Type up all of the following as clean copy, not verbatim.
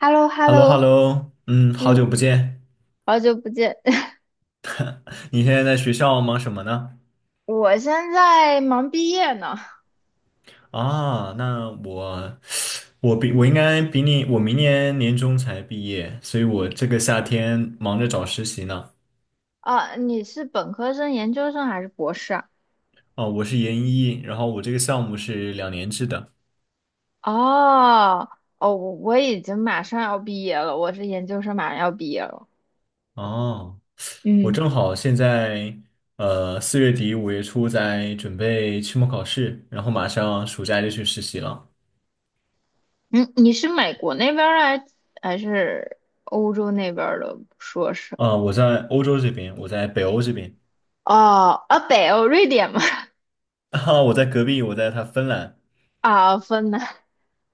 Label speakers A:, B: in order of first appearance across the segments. A: h e l l o h e
B: h
A: l
B: e
A: l
B: l l o h e l l
A: o
B: o 嗯，好久
A: 嗯，
B: 不见。
A: 好久不见。
B: 你现在在学校忙什么呢？
A: 我现在忙毕业呢。
B: 啊，我比我应该比你，我明年年中才毕业，所以我这个夏天忙着找实习呢。
A: 啊，你是本科生、研究生还是博士啊？
B: 哦，我是研一，然后我这个项目是两年制的。
A: 哦，哦，我已经马上要毕业了，我是研究生，马上要毕业了。
B: 哦，我
A: 嗯，
B: 正好现在，四月底五月初在准备期末考试，然后马上暑假就去实习了。
A: 嗯，你是美国那边儿还是欧洲那边儿的硕士？
B: 啊，我在欧洲这边，我在北欧这边，
A: 哦，啊，北欧，瑞典吗？
B: 啊，我在他芬兰。
A: 啊，分兰，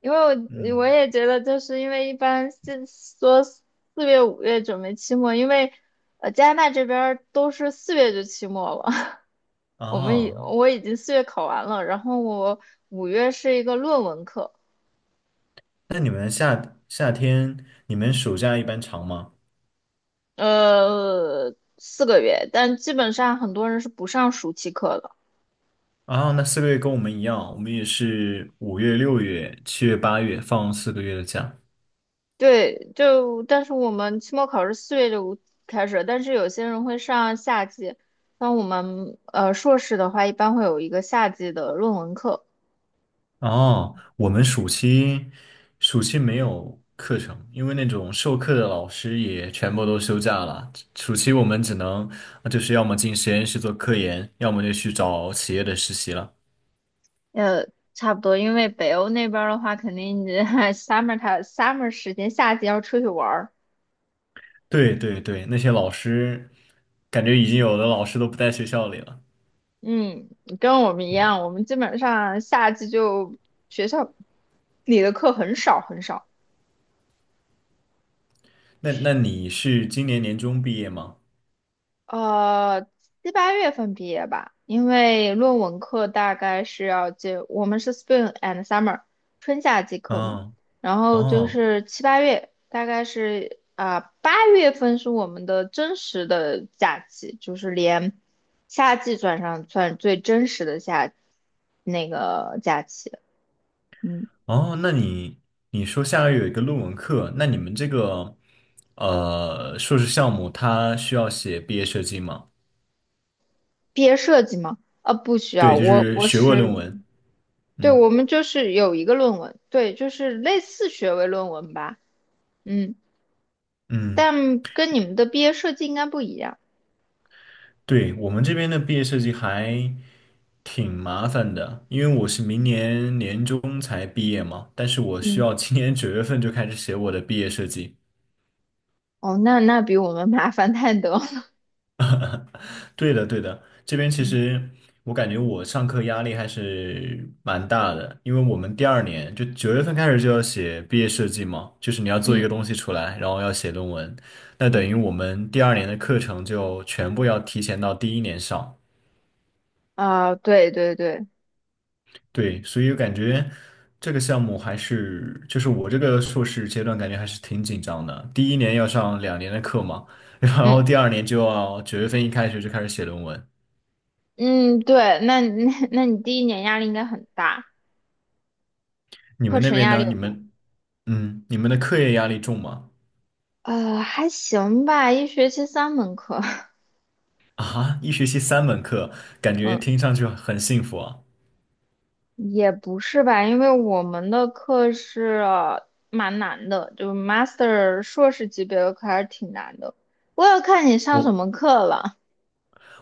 A: 因为我
B: 嗯，
A: 也觉得，就是因为一般是说四月、五月准备期末，因为加拿大这边儿都是四月就期末了，
B: 哦，
A: 我已经四月考完了，然后我五月是一个论文课，
B: 那你们夏夏天，你们暑假一般长吗？
A: 4个月，但基本上很多人是不上暑期课的。
B: 啊，那四个月跟我们一样，我们也是五月、六月、七月、八月放四个月的假。
A: 对，就但是我们期末考试四月就开始，但是有些人会上夏季，像我们硕士的话，一般会有一个夏季的论文课，
B: 哦，我们暑期没有课程，因为那种授课的老师也全部都休假了。暑期我们只能就是要么进实验室做科研，要么就去找企业的实习了。
A: 呃，差不多，因为北欧那边儿的话，肯定你 summer 它 summer 时间，夏季要出去玩儿，
B: 对对对，那些老师感觉已经有的老师都不在学校里了。
A: 嗯，跟我们一
B: 嗯。
A: 样，我们基本上夏季就学校里的课很少很少。
B: 那那你是今年年中毕业吗？
A: 呃，7、8月份毕业吧，因为论文课大概是要接，我们是 spring and summer，春夏季课嘛，
B: 哦
A: 然后就
B: 哦。
A: 是七八月，大概是八月份是我们的真实的假期，就是连夏季算上算最真实的那个假期。嗯，
B: 哦，那你说下个月有一个论文课，那你们这个硕士项目它需要写毕业设计吗？
A: 毕业设计吗？不需要，
B: 对，就
A: 我
B: 是
A: 我
B: 学位
A: 是，
B: 论文。
A: 对，
B: 嗯。
A: 我们就是有一个论文，对，就是类似学位论文吧。嗯。
B: 嗯，
A: 但跟你们的毕业设计应该不一样。
B: 对，我们这边的毕业设计还挺麻烦的，因为我是明年年中才毕业嘛，但是我需
A: 嗯
B: 要今年九月份就开始写我的毕业设计。
A: 哦，那比我们麻烦太多了
B: 对的，对的，这边 其
A: 嗯，
B: 实我感觉我上课压力还是蛮大的，因为我们第二年就九月份开始就要写毕业设计嘛，就是你要做一个
A: 嗯
B: 东西出来，然后要写论文，那等
A: 嗯
B: 于我们第二年的课程就全部要提前到第一年上。
A: 啊，对对对，
B: 对，所以我感觉这个项目还是，就是我这个硕士阶段感觉还是挺紧张的，第一年要上两年的课嘛，然后
A: 嗯
B: 第二年就要九月份一开学就开始写论文。
A: 嗯对，那你第一年压力应该很大，
B: 你
A: 课
B: 们那
A: 程
B: 边
A: 压力
B: 呢？你
A: 很大。
B: 们？嗯，你们的课业压力重吗？
A: 还行吧，一学期三门课，
B: 啊，一学期三门课，感 觉
A: 嗯，
B: 听上去很幸福啊。
A: 也不是吧，因为我们的课是蛮难的，就 master 硕士级别的课还是挺难的。我要看你上什
B: 我
A: 么课了。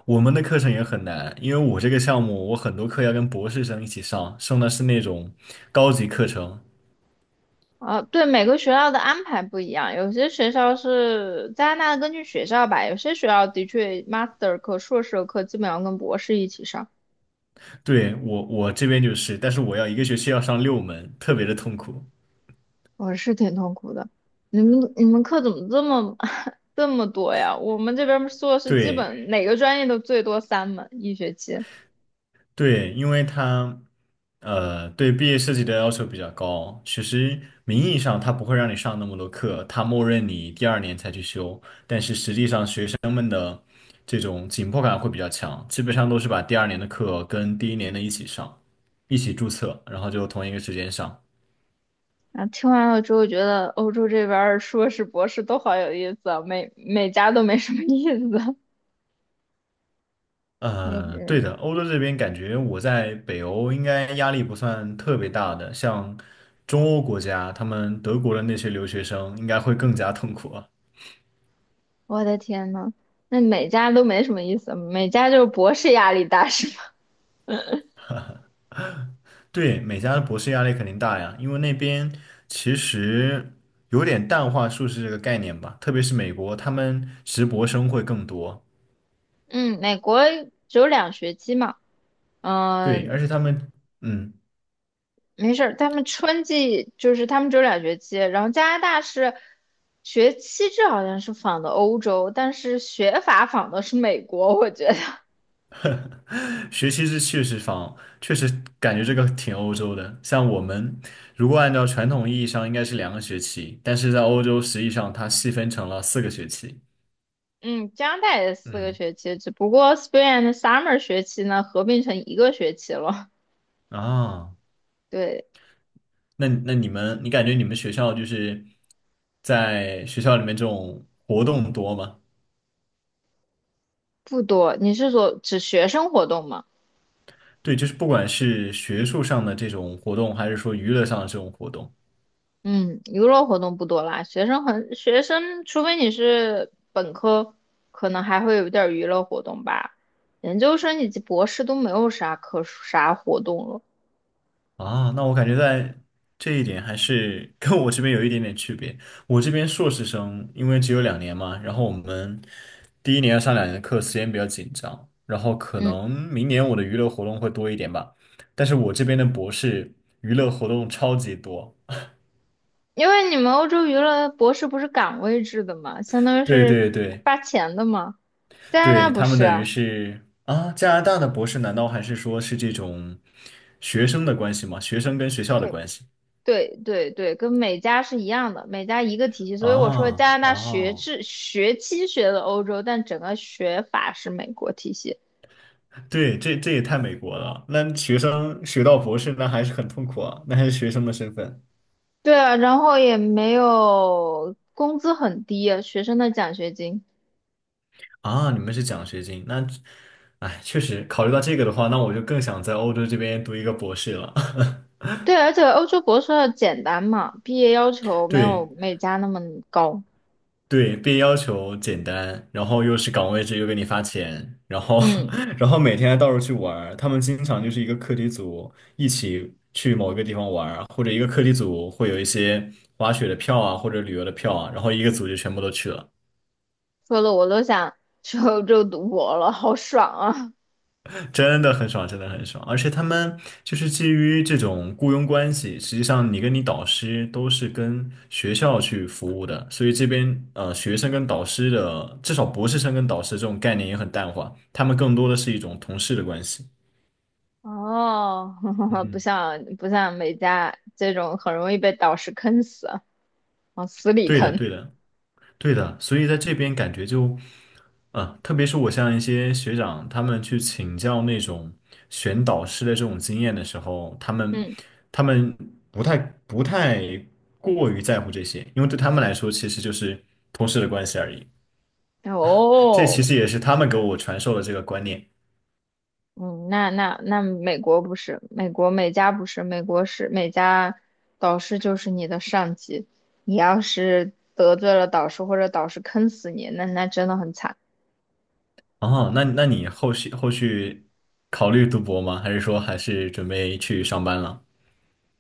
B: 我们的课程也很难，因为我这个项目，我很多课要跟博士生一起上，上的是那种高级课程。
A: 啊，对，每个学校的安排不一样，有些学校是加拿大根据学校吧，有些学校的确 master 课、硕士的课基本上跟博士一起上，
B: 对，我我这边就是，但是我要一个学期要上六门，特别的痛苦。
A: 我是挺痛苦的。你们课怎么这么 这么多呀？我们这边硕士基
B: 对
A: 本哪个专业都最多三门一学期。
B: 对，因为对毕业设计的要求比较高，其实名义上他不会让你上那么多课，他默认你第二年才去修。但是实际上学生。这种紧迫感会比较强，基本上都是把第二年的课跟第一年的一起上，一起注册，然后就同一个时间上。
A: 啊，听完了之后觉得欧洲这边儿硕士、博士都好有意思啊，每家都没什么意思。那个
B: 对的，欧洲这边感觉我在北欧应该压力不算特别大的，像中欧国家，他们德国的那些留学生应该会更加痛苦啊。
A: 我的天呐，那每家都没什么意思，每家就是博士压力大 是吗？
B: 对，美加的博士压力肯定大呀，因为那边其实有点淡化硕士这个概念吧，特别是美国，他们直博生会更多。
A: 嗯，美国只有两学期嘛，
B: 对，
A: 嗯、
B: 而且他们，嗯。
A: 没事儿，他们春季就是他们只有两学期，然后加拿大是学期制好像是仿的欧洲，但是学法仿的是美国，我觉得，
B: 学习是确实方，确实感觉这个挺欧洲的。像我们如果按照传统意义上应该是两个学期，但是在欧洲实际上它细分成了四个学期。
A: 嗯，加拿大也是四个
B: 嗯，
A: 学期，只不过 spring and summer 学期呢合并成一个学期了，
B: 啊，
A: 对，
B: 那那你们，你感觉你们学校就是在学校里面这种活动多吗？
A: 不多。你是说指学生活动吗？
B: 对，就是不管是学术上的这种活动，还是说娱乐上的这种活动。
A: 嗯，娱乐活动不多啦。学生，除非你是本科，可能还会有点儿娱乐活动吧。研究生以及博士都没有啥可啥活动了。
B: 啊，那我感觉在这一点还是 跟我这边有一点点区别。我这边硕士生因为只有两年嘛，然后我们第一年要上两年的课，时间比较紧张，然后可
A: 嗯，
B: 能明年我的娱乐活动会多一点吧。但是我这边的博士娱乐活动超级多，
A: 因为你们欧洲娱乐博士不是岗位制的嘛，相当 于
B: 对
A: 是
B: 对对
A: 发钱的嘛。加拿
B: 对，
A: 大不
B: 他们
A: 是
B: 等于
A: 啊，
B: 是啊，加拿大的博士难道还是说是这种学生的关系吗？学生跟学校的
A: 对，
B: 关系？
A: 对对对，跟美加是一样的，美加一个体系。所以我说
B: 啊
A: 加拿
B: 啊，
A: 大学
B: 哦
A: 制学期学的欧洲，但整个学法是美国体系。
B: 对，这这也太美国了。那学生学到博士，那还是很痛苦啊，那还是学生的身份
A: 对啊，然后也没有工资很低啊，学生的奖学金。
B: 啊。你们是奖学金，那，哎，确实考虑到这个的话，那我就更想在欧洲这边读一个博士了。
A: 对，而且欧洲博士要简单嘛，毕业要求 没
B: 对
A: 有美加那么高。
B: 对，被要求简单，然后又是岗位制，又给你发钱，然后
A: 嗯，
B: 然后每天还到处去玩儿他们经常就是一个课题组一起去某一个地方玩儿或者一个课题组会有一些滑雪的票啊，或者旅游的票啊，然后一个组就全部都去了。
A: 说的我都想去欧洲读博了，好爽啊！
B: 真的很爽，真的很爽。而且他们就是基于这种雇佣关系，实际上你跟你导师都是跟学校去服务的，所以这边学生跟导师的，至少博士生跟导师这种概念也很淡化，他们更多的是一种同事的关系。
A: 哦，不
B: 嗯，
A: 像不像美加这种很容易被导师坑死啊，往死里
B: 对的，
A: 坑。
B: 对的。对的，所以在这边感觉就，啊，特别是我像一些学长，他们去请教那种选导师的这种经验的时候，他们
A: 嗯，
B: 他们不太不太过于在乎这些，因为对他们来说其实就是同事的关系而已。这其
A: 哦。
B: 实也是他们给我传授的这个观念。
A: 嗯，那那那美国不是，美国美家不是，美国是美家，导师就是你的上级，你要是得罪了导师或者导师坑死你，那真的很惨。
B: 哦，那那你后续考虑读博吗？还是说还是准备去上班了？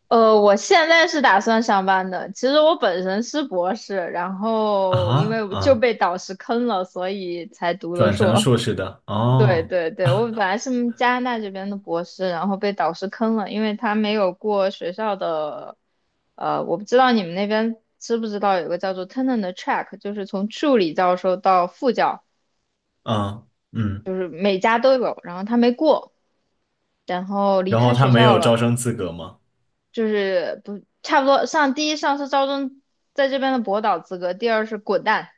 A: 我现在是打算上班的，其实我本身是博士，然后因
B: 啊
A: 为就
B: 啊，
A: 被导师坑了，所以才读的
B: 转成
A: 硕。
B: 硕士的
A: 对
B: 哦，
A: 对对，我本来是加拿大这边的博士，然后被导师坑了，因为他没有过学校的，我不知道你们那边知不知道有个叫做 tenure 的 track，就是从助理教授到副教，
B: 啊嗯。
A: 就是每家都有，然后他没过，然后离
B: 然后
A: 开
B: 他
A: 学
B: 没
A: 校
B: 有
A: 了，
B: 招生资格吗？
A: 就是不差不多上第一上是招生在这边的博导资格，第二是滚蛋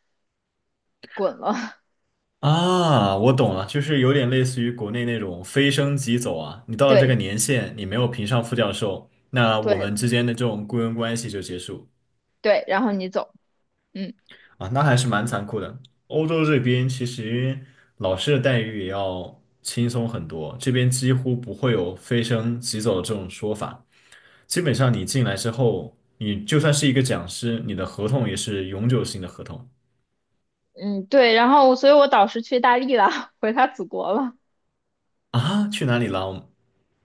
A: 滚了，
B: 啊，我懂了，就是有点类似于国内那种非升即走啊，你 到了这个
A: 对
B: 年限，你没有评上副教授，那我
A: 对
B: 们之间的这种雇佣关系就结束
A: 对，然后你走，嗯。
B: 啊，那还是蛮残酷的。欧洲这边其实老师的待遇也要轻松很多，这边几乎不会有非升即走的这种说法，基本上你进来之后，你就算是一个讲师，你的合同也是永久性的合同
A: 嗯，对，然后所以我导师去意大利了，回他祖国了，
B: 啊。去哪里了？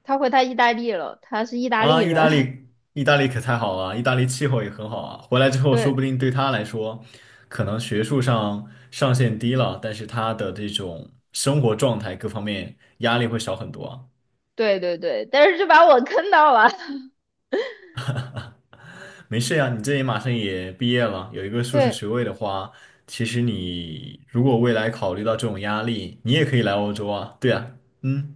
A: 他回他意大利了，他是意大利
B: 啊，意大
A: 人，
B: 利，意大利可太好了，意大利气候也很好啊。回来之 后，说
A: 对，
B: 不定对他来说，可能学术上上限低了，但是他的这种生活状态各方面压力会少很多啊
A: 对对对，但是就把我坑到了，
B: 没事呀，你这也马上也毕业了，有一个硕士
A: 对
B: 学位的话，其实你如果未来考虑到这种压力，你也可以来欧洲啊。对啊，嗯。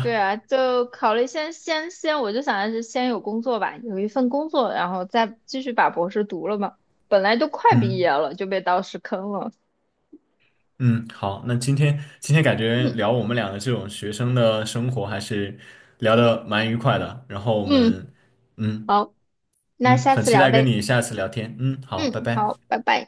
A: 对啊，就考虑先，我就想的是先有工作吧，有一份工作，然后再继续把博士读了嘛，本来都快毕业
B: 嗯。
A: 了，就被导师坑了，
B: 嗯，好，那今天感觉
A: 嗯
B: 聊我们俩的这种学生的生活还是聊的蛮愉快的，然后我
A: 嗯，
B: 们，嗯。
A: 好，那
B: 嗯，
A: 下
B: 很
A: 次
B: 期
A: 聊
B: 待跟
A: 呗，
B: 你下次聊天，嗯，好，拜
A: 嗯，
B: 拜。
A: 好，拜拜。